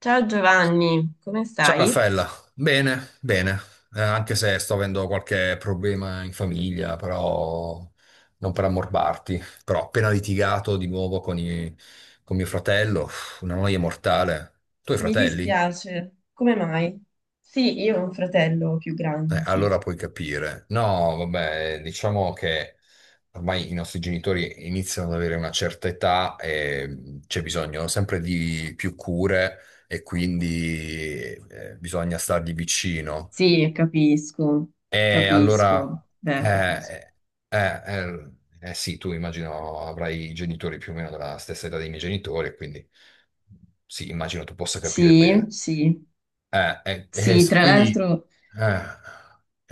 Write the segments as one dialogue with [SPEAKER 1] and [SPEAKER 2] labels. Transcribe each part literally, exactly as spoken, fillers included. [SPEAKER 1] Ciao Giovanni, come
[SPEAKER 2] Ciao
[SPEAKER 1] stai?
[SPEAKER 2] Raffaella, bene, bene, Eh, anche se sto avendo qualche problema in famiglia, però non per ammorbarti, però ho appena litigato di nuovo con, i- con mio fratello, uff, una noia mortale. Tu hai
[SPEAKER 1] Mi
[SPEAKER 2] fratelli?
[SPEAKER 1] dispiace, come mai? Sì, io ho un fratello più
[SPEAKER 2] Eh,
[SPEAKER 1] grande, sì.
[SPEAKER 2] allora puoi capire. No, vabbè, diciamo che ormai i nostri genitori iniziano ad avere una certa età e c'è bisogno sempre di più cure e quindi eh, bisogna stargli vicino.
[SPEAKER 1] Sì, capisco,
[SPEAKER 2] E
[SPEAKER 1] capisco,
[SPEAKER 2] allora,
[SPEAKER 1] beh, capisco.
[SPEAKER 2] eh, eh, eh, eh, eh, sì, tu immagino avrai i genitori più o meno della stessa età dei miei genitori, e quindi sì, immagino tu possa capire
[SPEAKER 1] Sì,
[SPEAKER 2] bene.
[SPEAKER 1] sì,
[SPEAKER 2] Eh, eh, eh,
[SPEAKER 1] sì,
[SPEAKER 2] s-
[SPEAKER 1] tra
[SPEAKER 2] quindi,
[SPEAKER 1] l'altro,
[SPEAKER 2] eh,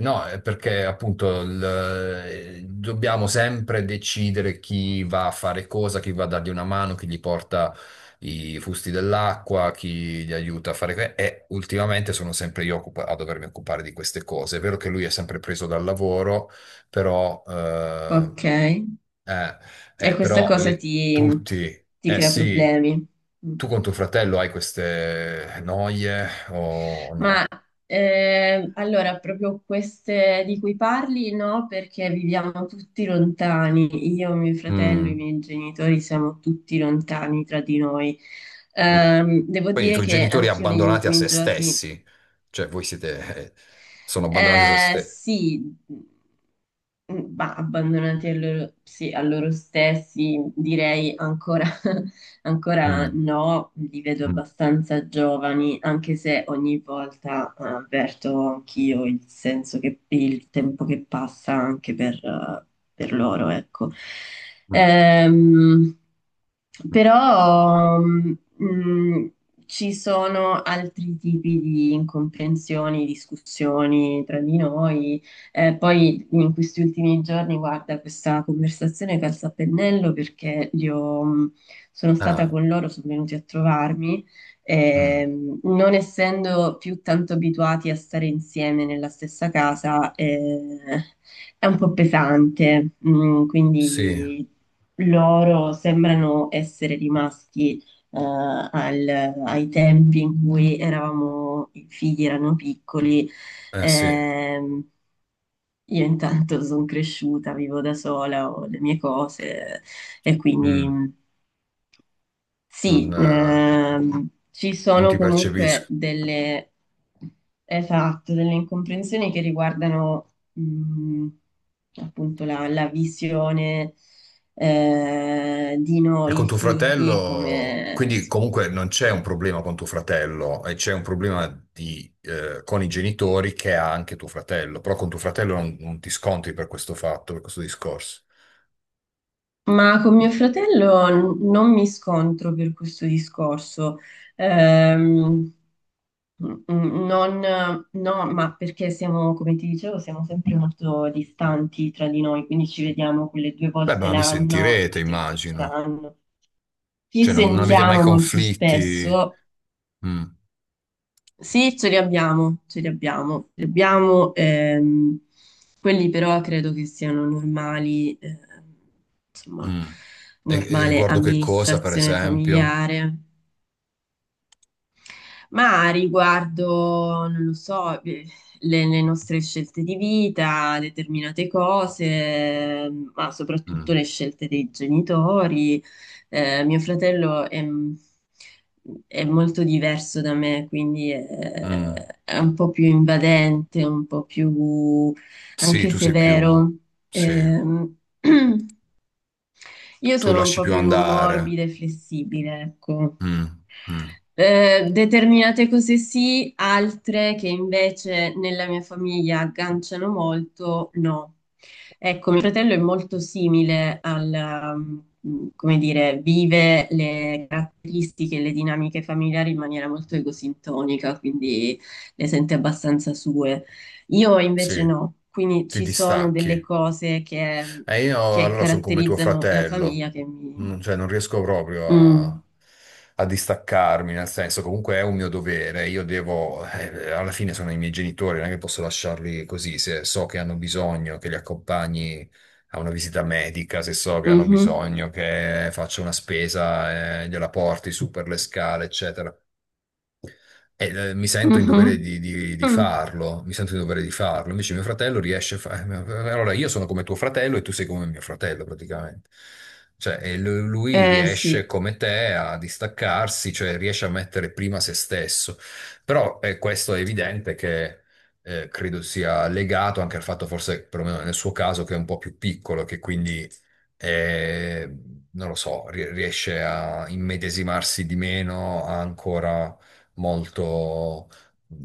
[SPEAKER 2] no, è perché appunto il- eh, dobbiamo sempre decidere chi va a fare cosa, chi va a dargli una mano, chi gli porta i fusti dell'acqua, chi gli aiuta a fare... que- E ultimamente sono sempre io occupa- a dovermi occupare di queste cose. È vero che lui è sempre preso dal lavoro, però eh,
[SPEAKER 1] ok, e
[SPEAKER 2] eh, eh,
[SPEAKER 1] questa
[SPEAKER 2] però
[SPEAKER 1] cosa
[SPEAKER 2] voglio-
[SPEAKER 1] ti,
[SPEAKER 2] tutti,
[SPEAKER 1] ti
[SPEAKER 2] eh
[SPEAKER 1] crea
[SPEAKER 2] sì,
[SPEAKER 1] problemi. Mm.
[SPEAKER 2] tu con tuo fratello hai queste noie o
[SPEAKER 1] Ma
[SPEAKER 2] no?
[SPEAKER 1] eh, allora, proprio queste di cui parli, no, perché viviamo tutti lontani. Io, mio fratello, i
[SPEAKER 2] Mm,
[SPEAKER 1] miei genitori siamo tutti lontani tra di noi.
[SPEAKER 2] mm.
[SPEAKER 1] Ehm, devo
[SPEAKER 2] Poi i
[SPEAKER 1] dire
[SPEAKER 2] tuoi
[SPEAKER 1] che
[SPEAKER 2] genitori
[SPEAKER 1] anch'io negli
[SPEAKER 2] abbandonati a
[SPEAKER 1] ultimi
[SPEAKER 2] se
[SPEAKER 1] giorni,
[SPEAKER 2] stessi, cioè voi siete, eh, sono abbandonati a se
[SPEAKER 1] eh,
[SPEAKER 2] stessi.
[SPEAKER 1] sì, mh, ma abbandonati a loro, sì, a loro stessi, direi ancora. Ancora
[SPEAKER 2] Mm,
[SPEAKER 1] no, li vedo
[SPEAKER 2] mm,
[SPEAKER 1] abbastanza giovani, anche se ogni volta eh, avverto anch'io il senso che il tempo che passa anche per, eh, per loro, ecco.
[SPEAKER 2] mm,
[SPEAKER 1] Ehm,
[SPEAKER 2] mm.
[SPEAKER 1] Però mh, ci sono altri tipi di incomprensioni, discussioni tra di noi. Eh, poi in questi ultimi giorni, guarda, questa conversazione calza a pennello perché li ho- mh, sono stata
[SPEAKER 2] Ah,
[SPEAKER 1] con loro, sono venuti a trovarmi.
[SPEAKER 2] mm.
[SPEAKER 1] Ehm, non essendo più tanto abituati a stare insieme nella stessa casa, eh, è un po' pesante, mm,
[SPEAKER 2] Sì,
[SPEAKER 1] quindi loro sembrano essere rimasti eh, al- ai tempi in cui eravamo, i figli erano piccoli.
[SPEAKER 2] eh sì,
[SPEAKER 1] Ehm, io intanto sono cresciuta, vivo da sola, ho le mie cose e
[SPEAKER 2] mm,
[SPEAKER 1] quindi...
[SPEAKER 2] non,
[SPEAKER 1] Sì,
[SPEAKER 2] eh,
[SPEAKER 1] ehm, ci
[SPEAKER 2] non ti
[SPEAKER 1] sono comunque
[SPEAKER 2] percepisco.
[SPEAKER 1] delle, esatto, delle incomprensioni che riguardano mh, appunto la, la visione eh, di
[SPEAKER 2] E con
[SPEAKER 1] noi
[SPEAKER 2] tuo
[SPEAKER 1] figli
[SPEAKER 2] fratello,
[SPEAKER 1] come,
[SPEAKER 2] quindi
[SPEAKER 1] insomma,
[SPEAKER 2] comunque non c'è un problema con tuo fratello, e c'è un problema di, eh, con i genitori che ha anche tuo fratello, però con tuo fratello non, non ti scontri per questo fatto, per questo discorso.
[SPEAKER 1] ma con mio fratello n- non mi scontro per questo discorso. Ehm, Mm, mm, Non, no, ma perché siamo, come ti dicevo, siamo sempre molto distanti tra di noi, quindi ci vediamo quelle due
[SPEAKER 2] Beh,
[SPEAKER 1] volte
[SPEAKER 2] ma vi
[SPEAKER 1] l'anno, due
[SPEAKER 2] sentirete,
[SPEAKER 1] o tre volte
[SPEAKER 2] immagino.
[SPEAKER 1] l'anno. Ci
[SPEAKER 2] Cioè, non, non avete mai
[SPEAKER 1] sentiamo molto
[SPEAKER 2] conflitti.
[SPEAKER 1] spesso,
[SPEAKER 2] Mm,
[SPEAKER 1] sì, ce li abbiamo, ce li abbiamo, ce li abbiamo, ehm, quelli però credo che siano normali, ehm, insomma,
[SPEAKER 2] mm. E, e
[SPEAKER 1] normale
[SPEAKER 2] riguardo che cosa, per
[SPEAKER 1] amministrazione
[SPEAKER 2] esempio?
[SPEAKER 1] familiare, ma riguardo, non lo so, eh, le, le nostre scelte di vita, determinate cose, eh, ma soprattutto
[SPEAKER 2] Mm,
[SPEAKER 1] le scelte dei genitori. Eh, mio fratello è, è molto diverso da me, quindi è,
[SPEAKER 2] mm.
[SPEAKER 1] è un po' più invadente, un po' più
[SPEAKER 2] Sì,
[SPEAKER 1] anche
[SPEAKER 2] tu sei più...
[SPEAKER 1] severo.
[SPEAKER 2] Sì,
[SPEAKER 1] Ehm, io
[SPEAKER 2] tu
[SPEAKER 1] sono un
[SPEAKER 2] lasci
[SPEAKER 1] po'
[SPEAKER 2] più
[SPEAKER 1] più
[SPEAKER 2] andare.
[SPEAKER 1] morbida e flessibile, ecco.
[SPEAKER 2] Mm, mm.
[SPEAKER 1] Eh, determinate cose sì, altre che invece nella mia famiglia agganciano molto, no. Ecco, mio fratello è molto simile al, um, come dire, vive le caratteristiche e le dinamiche familiari in maniera molto egosintonica, quindi le sente abbastanza sue. Io invece
[SPEAKER 2] Sì,
[SPEAKER 1] no, quindi
[SPEAKER 2] ti
[SPEAKER 1] ci sono
[SPEAKER 2] distacchi.
[SPEAKER 1] delle cose che,
[SPEAKER 2] E io
[SPEAKER 1] che
[SPEAKER 2] allora sono come tuo
[SPEAKER 1] caratterizzano la
[SPEAKER 2] fratello,
[SPEAKER 1] famiglia che
[SPEAKER 2] non,
[SPEAKER 1] mi...
[SPEAKER 2] cioè non riesco proprio
[SPEAKER 1] Mm.
[SPEAKER 2] a, a, distaccarmi, nel senso comunque è un mio dovere, io devo, eh, alla fine sono i miei genitori, non è che posso lasciarli così, se so che hanno bisogno che li accompagni a una visita medica, se so che hanno
[SPEAKER 1] Mhm.
[SPEAKER 2] bisogno che faccia una spesa, eh, gliela porti su per le scale, eccetera. E, eh, mi sento in dovere
[SPEAKER 1] Mhm.
[SPEAKER 2] di, di- di
[SPEAKER 1] Mm.
[SPEAKER 2] farlo, mi sento in dovere di farlo. Invece mio fratello riesce a fare... Allora io sono come tuo fratello e tu sei come mio fratello praticamente. Cioè, e lu- lui
[SPEAKER 1] Eh
[SPEAKER 2] riesce
[SPEAKER 1] sì,
[SPEAKER 2] come te a distaccarsi, cioè riesce a mettere prima se stesso. Però eh, questo è evidente che eh, credo sia legato anche al fatto, forse perlomeno nel suo caso, che è un po' più piccolo, che quindi e non lo so, ri- riesce a immedesimarsi di meno, ha ancora molto mh,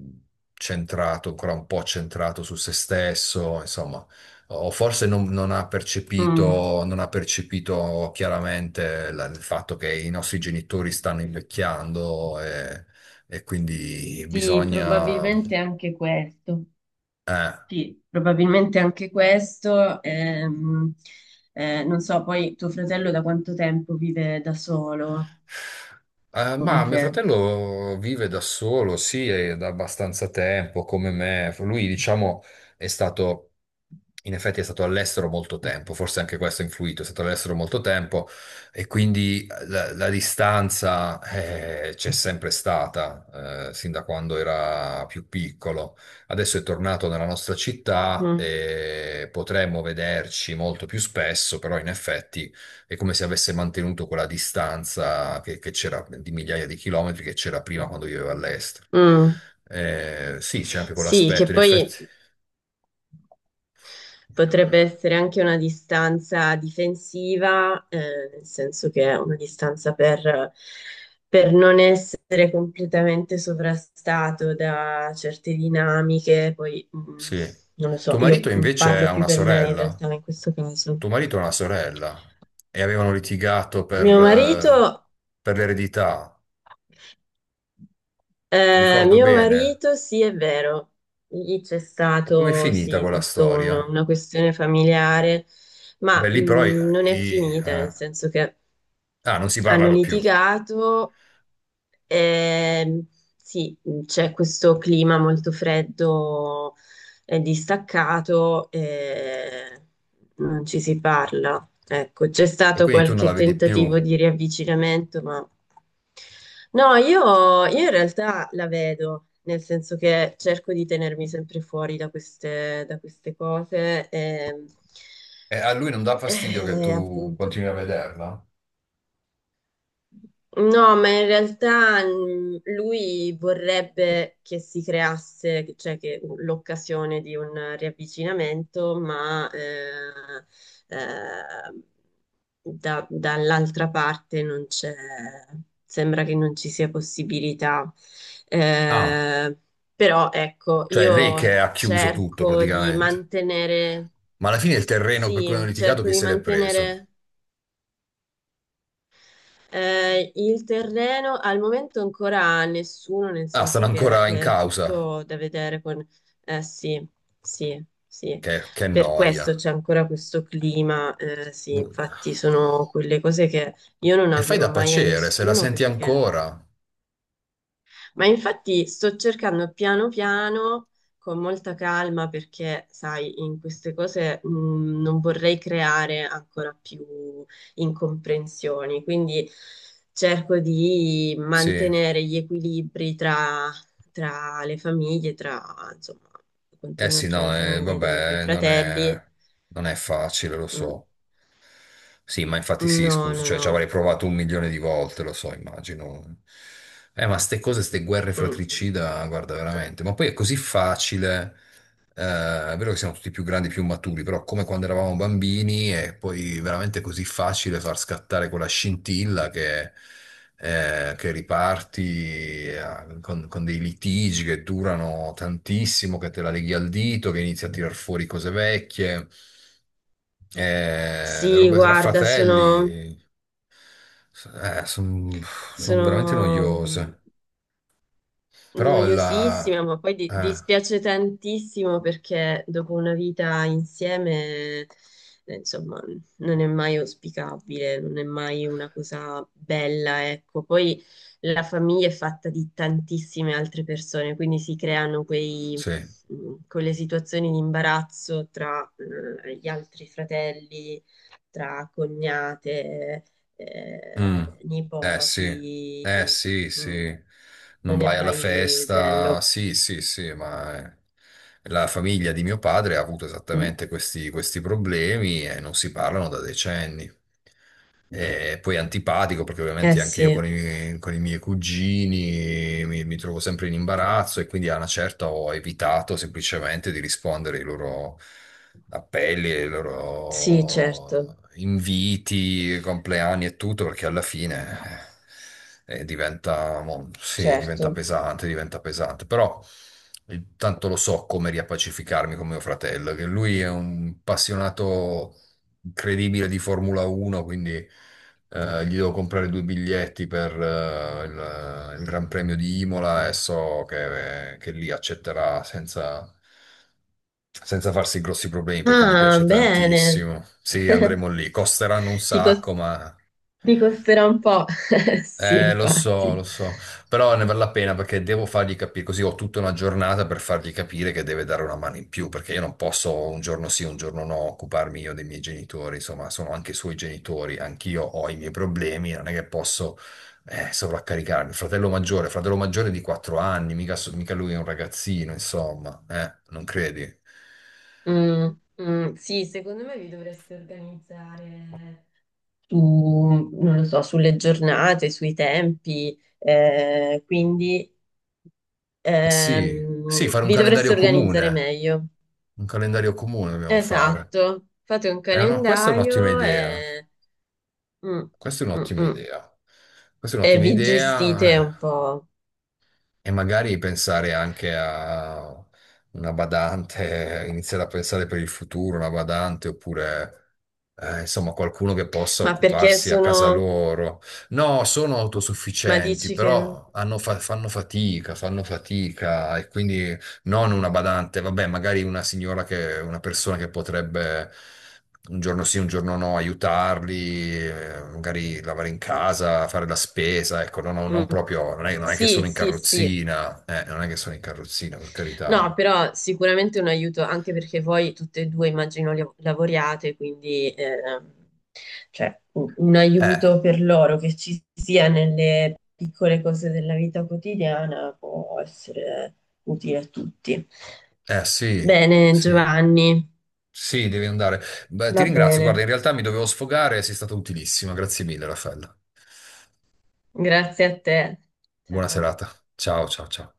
[SPEAKER 2] centrato, ancora un po' centrato su se stesso, insomma, o forse non, non ha
[SPEAKER 1] mm.
[SPEAKER 2] percepito, non ha percepito chiaramente la- il fatto che i nostri genitori stanno invecchiando e, e quindi
[SPEAKER 1] Sì,
[SPEAKER 2] bisogna...
[SPEAKER 1] probabilmente anche questo.
[SPEAKER 2] eh,
[SPEAKER 1] Sì, probabilmente anche questo. Ehm, eh, non so, poi tuo fratello da quanto tempo vive da solo?
[SPEAKER 2] Eh,
[SPEAKER 1] Come
[SPEAKER 2] ma mio
[SPEAKER 1] te?
[SPEAKER 2] fratello vive da solo, sì, è da abbastanza tempo, come me. Lui, diciamo, è stato, in effetti è stato all'estero molto tempo, forse anche questo ha influito, è stato all'estero molto tempo e quindi la, la distanza eh, c'è sempre stata, eh, sin da quando era più piccolo. Adesso è tornato nella nostra città
[SPEAKER 1] Mm.
[SPEAKER 2] e potremmo vederci molto più spesso, però in effetti è come se avesse mantenuto quella distanza che, che c'era di migliaia di chilometri che c'era prima quando viveva all'estero.
[SPEAKER 1] Mm.
[SPEAKER 2] Eh, sì, c'è anche
[SPEAKER 1] Sì, che
[SPEAKER 2] quell'aspetto, in effetti.
[SPEAKER 1] poi potrebbe essere anche una distanza difensiva, eh, nel senso che è una distanza per, per non essere completamente sovrastato da certe dinamiche. Poi, mh,
[SPEAKER 2] Sì.
[SPEAKER 1] non lo so,
[SPEAKER 2] Tuo marito
[SPEAKER 1] io
[SPEAKER 2] invece
[SPEAKER 1] parlo
[SPEAKER 2] ha
[SPEAKER 1] più
[SPEAKER 2] una
[SPEAKER 1] per me in
[SPEAKER 2] sorella.
[SPEAKER 1] realtà in questo caso.
[SPEAKER 2] Tuo marito ha una sorella e avevano litigato per,
[SPEAKER 1] Mio
[SPEAKER 2] eh,
[SPEAKER 1] marito,
[SPEAKER 2] per l'eredità.
[SPEAKER 1] eh,
[SPEAKER 2] Ricordo
[SPEAKER 1] Mio
[SPEAKER 2] bene.
[SPEAKER 1] marito, sì, è vero, lì c'è
[SPEAKER 2] E com'è
[SPEAKER 1] stato,
[SPEAKER 2] finita
[SPEAKER 1] sì,
[SPEAKER 2] quella
[SPEAKER 1] tutto un-
[SPEAKER 2] storia?
[SPEAKER 1] una questione familiare, ma
[SPEAKER 2] Beh, lì però i-
[SPEAKER 1] mh, non è
[SPEAKER 2] i-
[SPEAKER 1] finita, nel
[SPEAKER 2] eh,
[SPEAKER 1] senso che
[SPEAKER 2] ah, non si
[SPEAKER 1] hanno
[SPEAKER 2] parlano più
[SPEAKER 1] litigato, ehm, sì, c'è questo clima molto freddo e distaccato, e non ci si parla. Ecco, c'è
[SPEAKER 2] e
[SPEAKER 1] stato
[SPEAKER 2] quindi tu non la
[SPEAKER 1] qualche
[SPEAKER 2] vedi più.
[SPEAKER 1] tentativo di riavvicinamento, ma no, io, io in realtà la vedo, nel senso che cerco di tenermi sempre fuori da queste, da queste cose. E,
[SPEAKER 2] E a lui non dà fastidio che
[SPEAKER 1] e
[SPEAKER 2] tu
[SPEAKER 1] appunto.
[SPEAKER 2] continui a vederla?
[SPEAKER 1] No, ma in realtà mm, lui vorrebbe che si creasse, cioè che l'occasione di un riavvicinamento, ma eh, eh, da- dall'altra parte non c'è, sembra che non ci sia possibilità.
[SPEAKER 2] Ah,
[SPEAKER 1] Eh, però ecco,
[SPEAKER 2] cioè è lei che
[SPEAKER 1] io
[SPEAKER 2] ha chiuso tutto
[SPEAKER 1] cerco di
[SPEAKER 2] praticamente.
[SPEAKER 1] mantenere,
[SPEAKER 2] Ma alla fine il terreno per cui hanno
[SPEAKER 1] sì,
[SPEAKER 2] litigato
[SPEAKER 1] cerco
[SPEAKER 2] che
[SPEAKER 1] di
[SPEAKER 2] se l'è preso?
[SPEAKER 1] mantenere. Eh, il terreno al momento ancora nessuno, nel
[SPEAKER 2] Ah, stanno
[SPEAKER 1] senso che
[SPEAKER 2] ancora in
[SPEAKER 1] eh, è
[SPEAKER 2] causa.
[SPEAKER 1] tutto da vedere con... eh, sì, sì, sì.
[SPEAKER 2] Che, che
[SPEAKER 1] Per
[SPEAKER 2] noia.
[SPEAKER 1] questo c'è ancora questo clima, eh, sì,
[SPEAKER 2] E
[SPEAKER 1] infatti sono quelle cose che io non
[SPEAKER 2] fai
[SPEAKER 1] auguro
[SPEAKER 2] da
[SPEAKER 1] mai a
[SPEAKER 2] pacere, se la
[SPEAKER 1] nessuno
[SPEAKER 2] senti
[SPEAKER 1] perché
[SPEAKER 2] ancora.
[SPEAKER 1] ma infatti sto cercando piano piano, con molta calma, perché sai, in queste cose mh, non vorrei creare ancora più incomprensioni, quindi cerco di
[SPEAKER 2] Sì.
[SPEAKER 1] mantenere gli equilibri tra, tra le famiglie, tra, insomma,
[SPEAKER 2] Eh
[SPEAKER 1] quantomeno
[SPEAKER 2] sì,
[SPEAKER 1] tra
[SPEAKER 2] no,
[SPEAKER 1] le
[SPEAKER 2] eh,
[SPEAKER 1] famiglie dei
[SPEAKER 2] vabbè, non
[SPEAKER 1] fratelli.
[SPEAKER 2] è, non è facile, lo
[SPEAKER 1] Mm,
[SPEAKER 2] so. Sì, ma infatti sì,
[SPEAKER 1] no,
[SPEAKER 2] scusa,
[SPEAKER 1] no,
[SPEAKER 2] cioè ci
[SPEAKER 1] no.
[SPEAKER 2] avrei provato un milione di volte, lo so, immagino. Eh, ma ste cose, ste guerre
[SPEAKER 1] Mm. Mm.
[SPEAKER 2] fratricida, guarda, veramente. Ma poi è così facile, eh, è vero che siamo tutti più grandi, più maturi, però come quando eravamo bambini è poi veramente così facile far scattare quella scintilla che eh, che riparti eh, con, con dei litigi che durano tantissimo, che te la leghi al dito, che inizi a tirar fuori cose vecchie, eh, le
[SPEAKER 1] Sì,
[SPEAKER 2] robe tra
[SPEAKER 1] guarda, sono,
[SPEAKER 2] fratelli, sono veramente
[SPEAKER 1] sono
[SPEAKER 2] noiose. Però la...
[SPEAKER 1] noiosissima, ma poi di-
[SPEAKER 2] eh,
[SPEAKER 1] dispiace tantissimo perché dopo una vita insieme, eh, insomma, non è mai auspicabile, non è mai una cosa bella, ecco. Poi la famiglia è fatta di tantissime altre persone, quindi si creano quei,
[SPEAKER 2] sì.
[SPEAKER 1] mh, quelle situazioni di imbarazzo tra, eh, gli altri fratelli, tra cognate,
[SPEAKER 2] Mm.
[SPEAKER 1] eh,
[SPEAKER 2] Eh sì, eh
[SPEAKER 1] nipoti.
[SPEAKER 2] sì,
[SPEAKER 1] Mm.
[SPEAKER 2] sì, non
[SPEAKER 1] Non è
[SPEAKER 2] vai alla
[SPEAKER 1] mai
[SPEAKER 2] festa,
[SPEAKER 1] bello.
[SPEAKER 2] sì, sì, sì, ma eh, la famiglia di mio padre ha avuto
[SPEAKER 1] Mm.
[SPEAKER 2] esattamente questi, questi problemi e non si parlano da decenni. E poi antipatico perché
[SPEAKER 1] Eh
[SPEAKER 2] ovviamente anche
[SPEAKER 1] sì,
[SPEAKER 2] io con i, con i miei cugini mi, mi trovo sempre in imbarazzo e quindi a una certa ho evitato semplicemente di rispondere ai loro appelli, ai
[SPEAKER 1] sì,
[SPEAKER 2] loro
[SPEAKER 1] certo,
[SPEAKER 2] inviti, compleanni e tutto perché alla fine eh, eh, diventa, mo- sì, diventa
[SPEAKER 1] certo.
[SPEAKER 2] pesante, diventa pesante. Però eh, tanto lo so come riappacificarmi con mio fratello, che lui è un appassionato incredibile di Formula uno, quindi eh, gli devo comprare due biglietti per eh, il, eh, il Gran Premio di Imola e so che, che lì accetterà senza, senza farsi grossi problemi perché gli
[SPEAKER 1] Ah,
[SPEAKER 2] piace
[SPEAKER 1] bene.
[SPEAKER 2] tantissimo. Sì, andremo lì. Costeranno un
[SPEAKER 1] Ti, cos-
[SPEAKER 2] sacco, ma
[SPEAKER 1] Ti costerà un po'. Sì,
[SPEAKER 2] eh, lo so,
[SPEAKER 1] infatti.
[SPEAKER 2] lo so, però ne vale la pena perché devo fargli capire, così ho tutta una giornata per fargli capire che deve dare una mano in più, perché io non posso un giorno sì, un giorno no occuparmi io dei miei genitori, insomma, sono anche i suoi genitori, anch'io ho i miei problemi, non è che posso eh, sovraccaricarmi. Fratello maggiore, fratello maggiore di quattro anni, mica, so- mica lui è un ragazzino, insomma, eh, non credi? Eh,
[SPEAKER 1] Mm, mm, sì, secondo me vi dovreste organizzare su, non lo so, sulle giornate, sui tempi, eh, quindi
[SPEAKER 2] sì, sì,
[SPEAKER 1] ehm,
[SPEAKER 2] fare un
[SPEAKER 1] vi dovreste
[SPEAKER 2] calendario
[SPEAKER 1] organizzare
[SPEAKER 2] comune,
[SPEAKER 1] meglio.
[SPEAKER 2] un calendario comune dobbiamo fare.
[SPEAKER 1] Esatto, fate un
[SPEAKER 2] Eh, no, questa è un'ottima
[SPEAKER 1] calendario
[SPEAKER 2] idea.
[SPEAKER 1] e... mm,
[SPEAKER 2] Questa è
[SPEAKER 1] mm,
[SPEAKER 2] un'ottima
[SPEAKER 1] mm.
[SPEAKER 2] idea. Questa è
[SPEAKER 1] E
[SPEAKER 2] un'ottima
[SPEAKER 1] vi gestite
[SPEAKER 2] idea
[SPEAKER 1] un
[SPEAKER 2] eh,
[SPEAKER 1] po'.
[SPEAKER 2] e magari pensare anche a una badante, eh, iniziare a pensare per il futuro, una badante oppure eh, insomma qualcuno che possa
[SPEAKER 1] Ma perché
[SPEAKER 2] occuparsi a casa
[SPEAKER 1] sono...
[SPEAKER 2] loro. No, sono
[SPEAKER 1] Ma
[SPEAKER 2] autosufficienti,
[SPEAKER 1] dici che...
[SPEAKER 2] però hanno fa- fanno fatica, fanno fatica e quindi non una badante, vabbè, magari una signora che, una persona che potrebbe un giorno sì, un giorno no, aiutarli, eh, magari lavare in casa, fare la spesa, ecco, non, non
[SPEAKER 1] Mm.
[SPEAKER 2] proprio, non è, non è che
[SPEAKER 1] Sì,
[SPEAKER 2] sono in
[SPEAKER 1] sì, sì.
[SPEAKER 2] carrozzina, eh, non è che sono in carrozzina, per
[SPEAKER 1] No,
[SPEAKER 2] carità.
[SPEAKER 1] però sicuramente un aiuto, anche perché voi tutte e due immagino li- lavoriate, quindi ehm, cioè, un un
[SPEAKER 2] Eh,
[SPEAKER 1] aiuto per loro che ci sia nelle piccole cose della vita quotidiana può essere utile a tutti.
[SPEAKER 2] eh, sì,
[SPEAKER 1] Bene,
[SPEAKER 2] sì.
[SPEAKER 1] Giovanni,
[SPEAKER 2] Sì, devi andare. Beh, ti
[SPEAKER 1] va
[SPEAKER 2] ringrazio. Guarda,
[SPEAKER 1] bene.
[SPEAKER 2] in realtà mi dovevo sfogare, sei stata utilissima. Grazie mille, Raffaella.
[SPEAKER 1] Grazie a te.
[SPEAKER 2] Buona
[SPEAKER 1] Ciao.
[SPEAKER 2] serata. Ciao, ciao, ciao.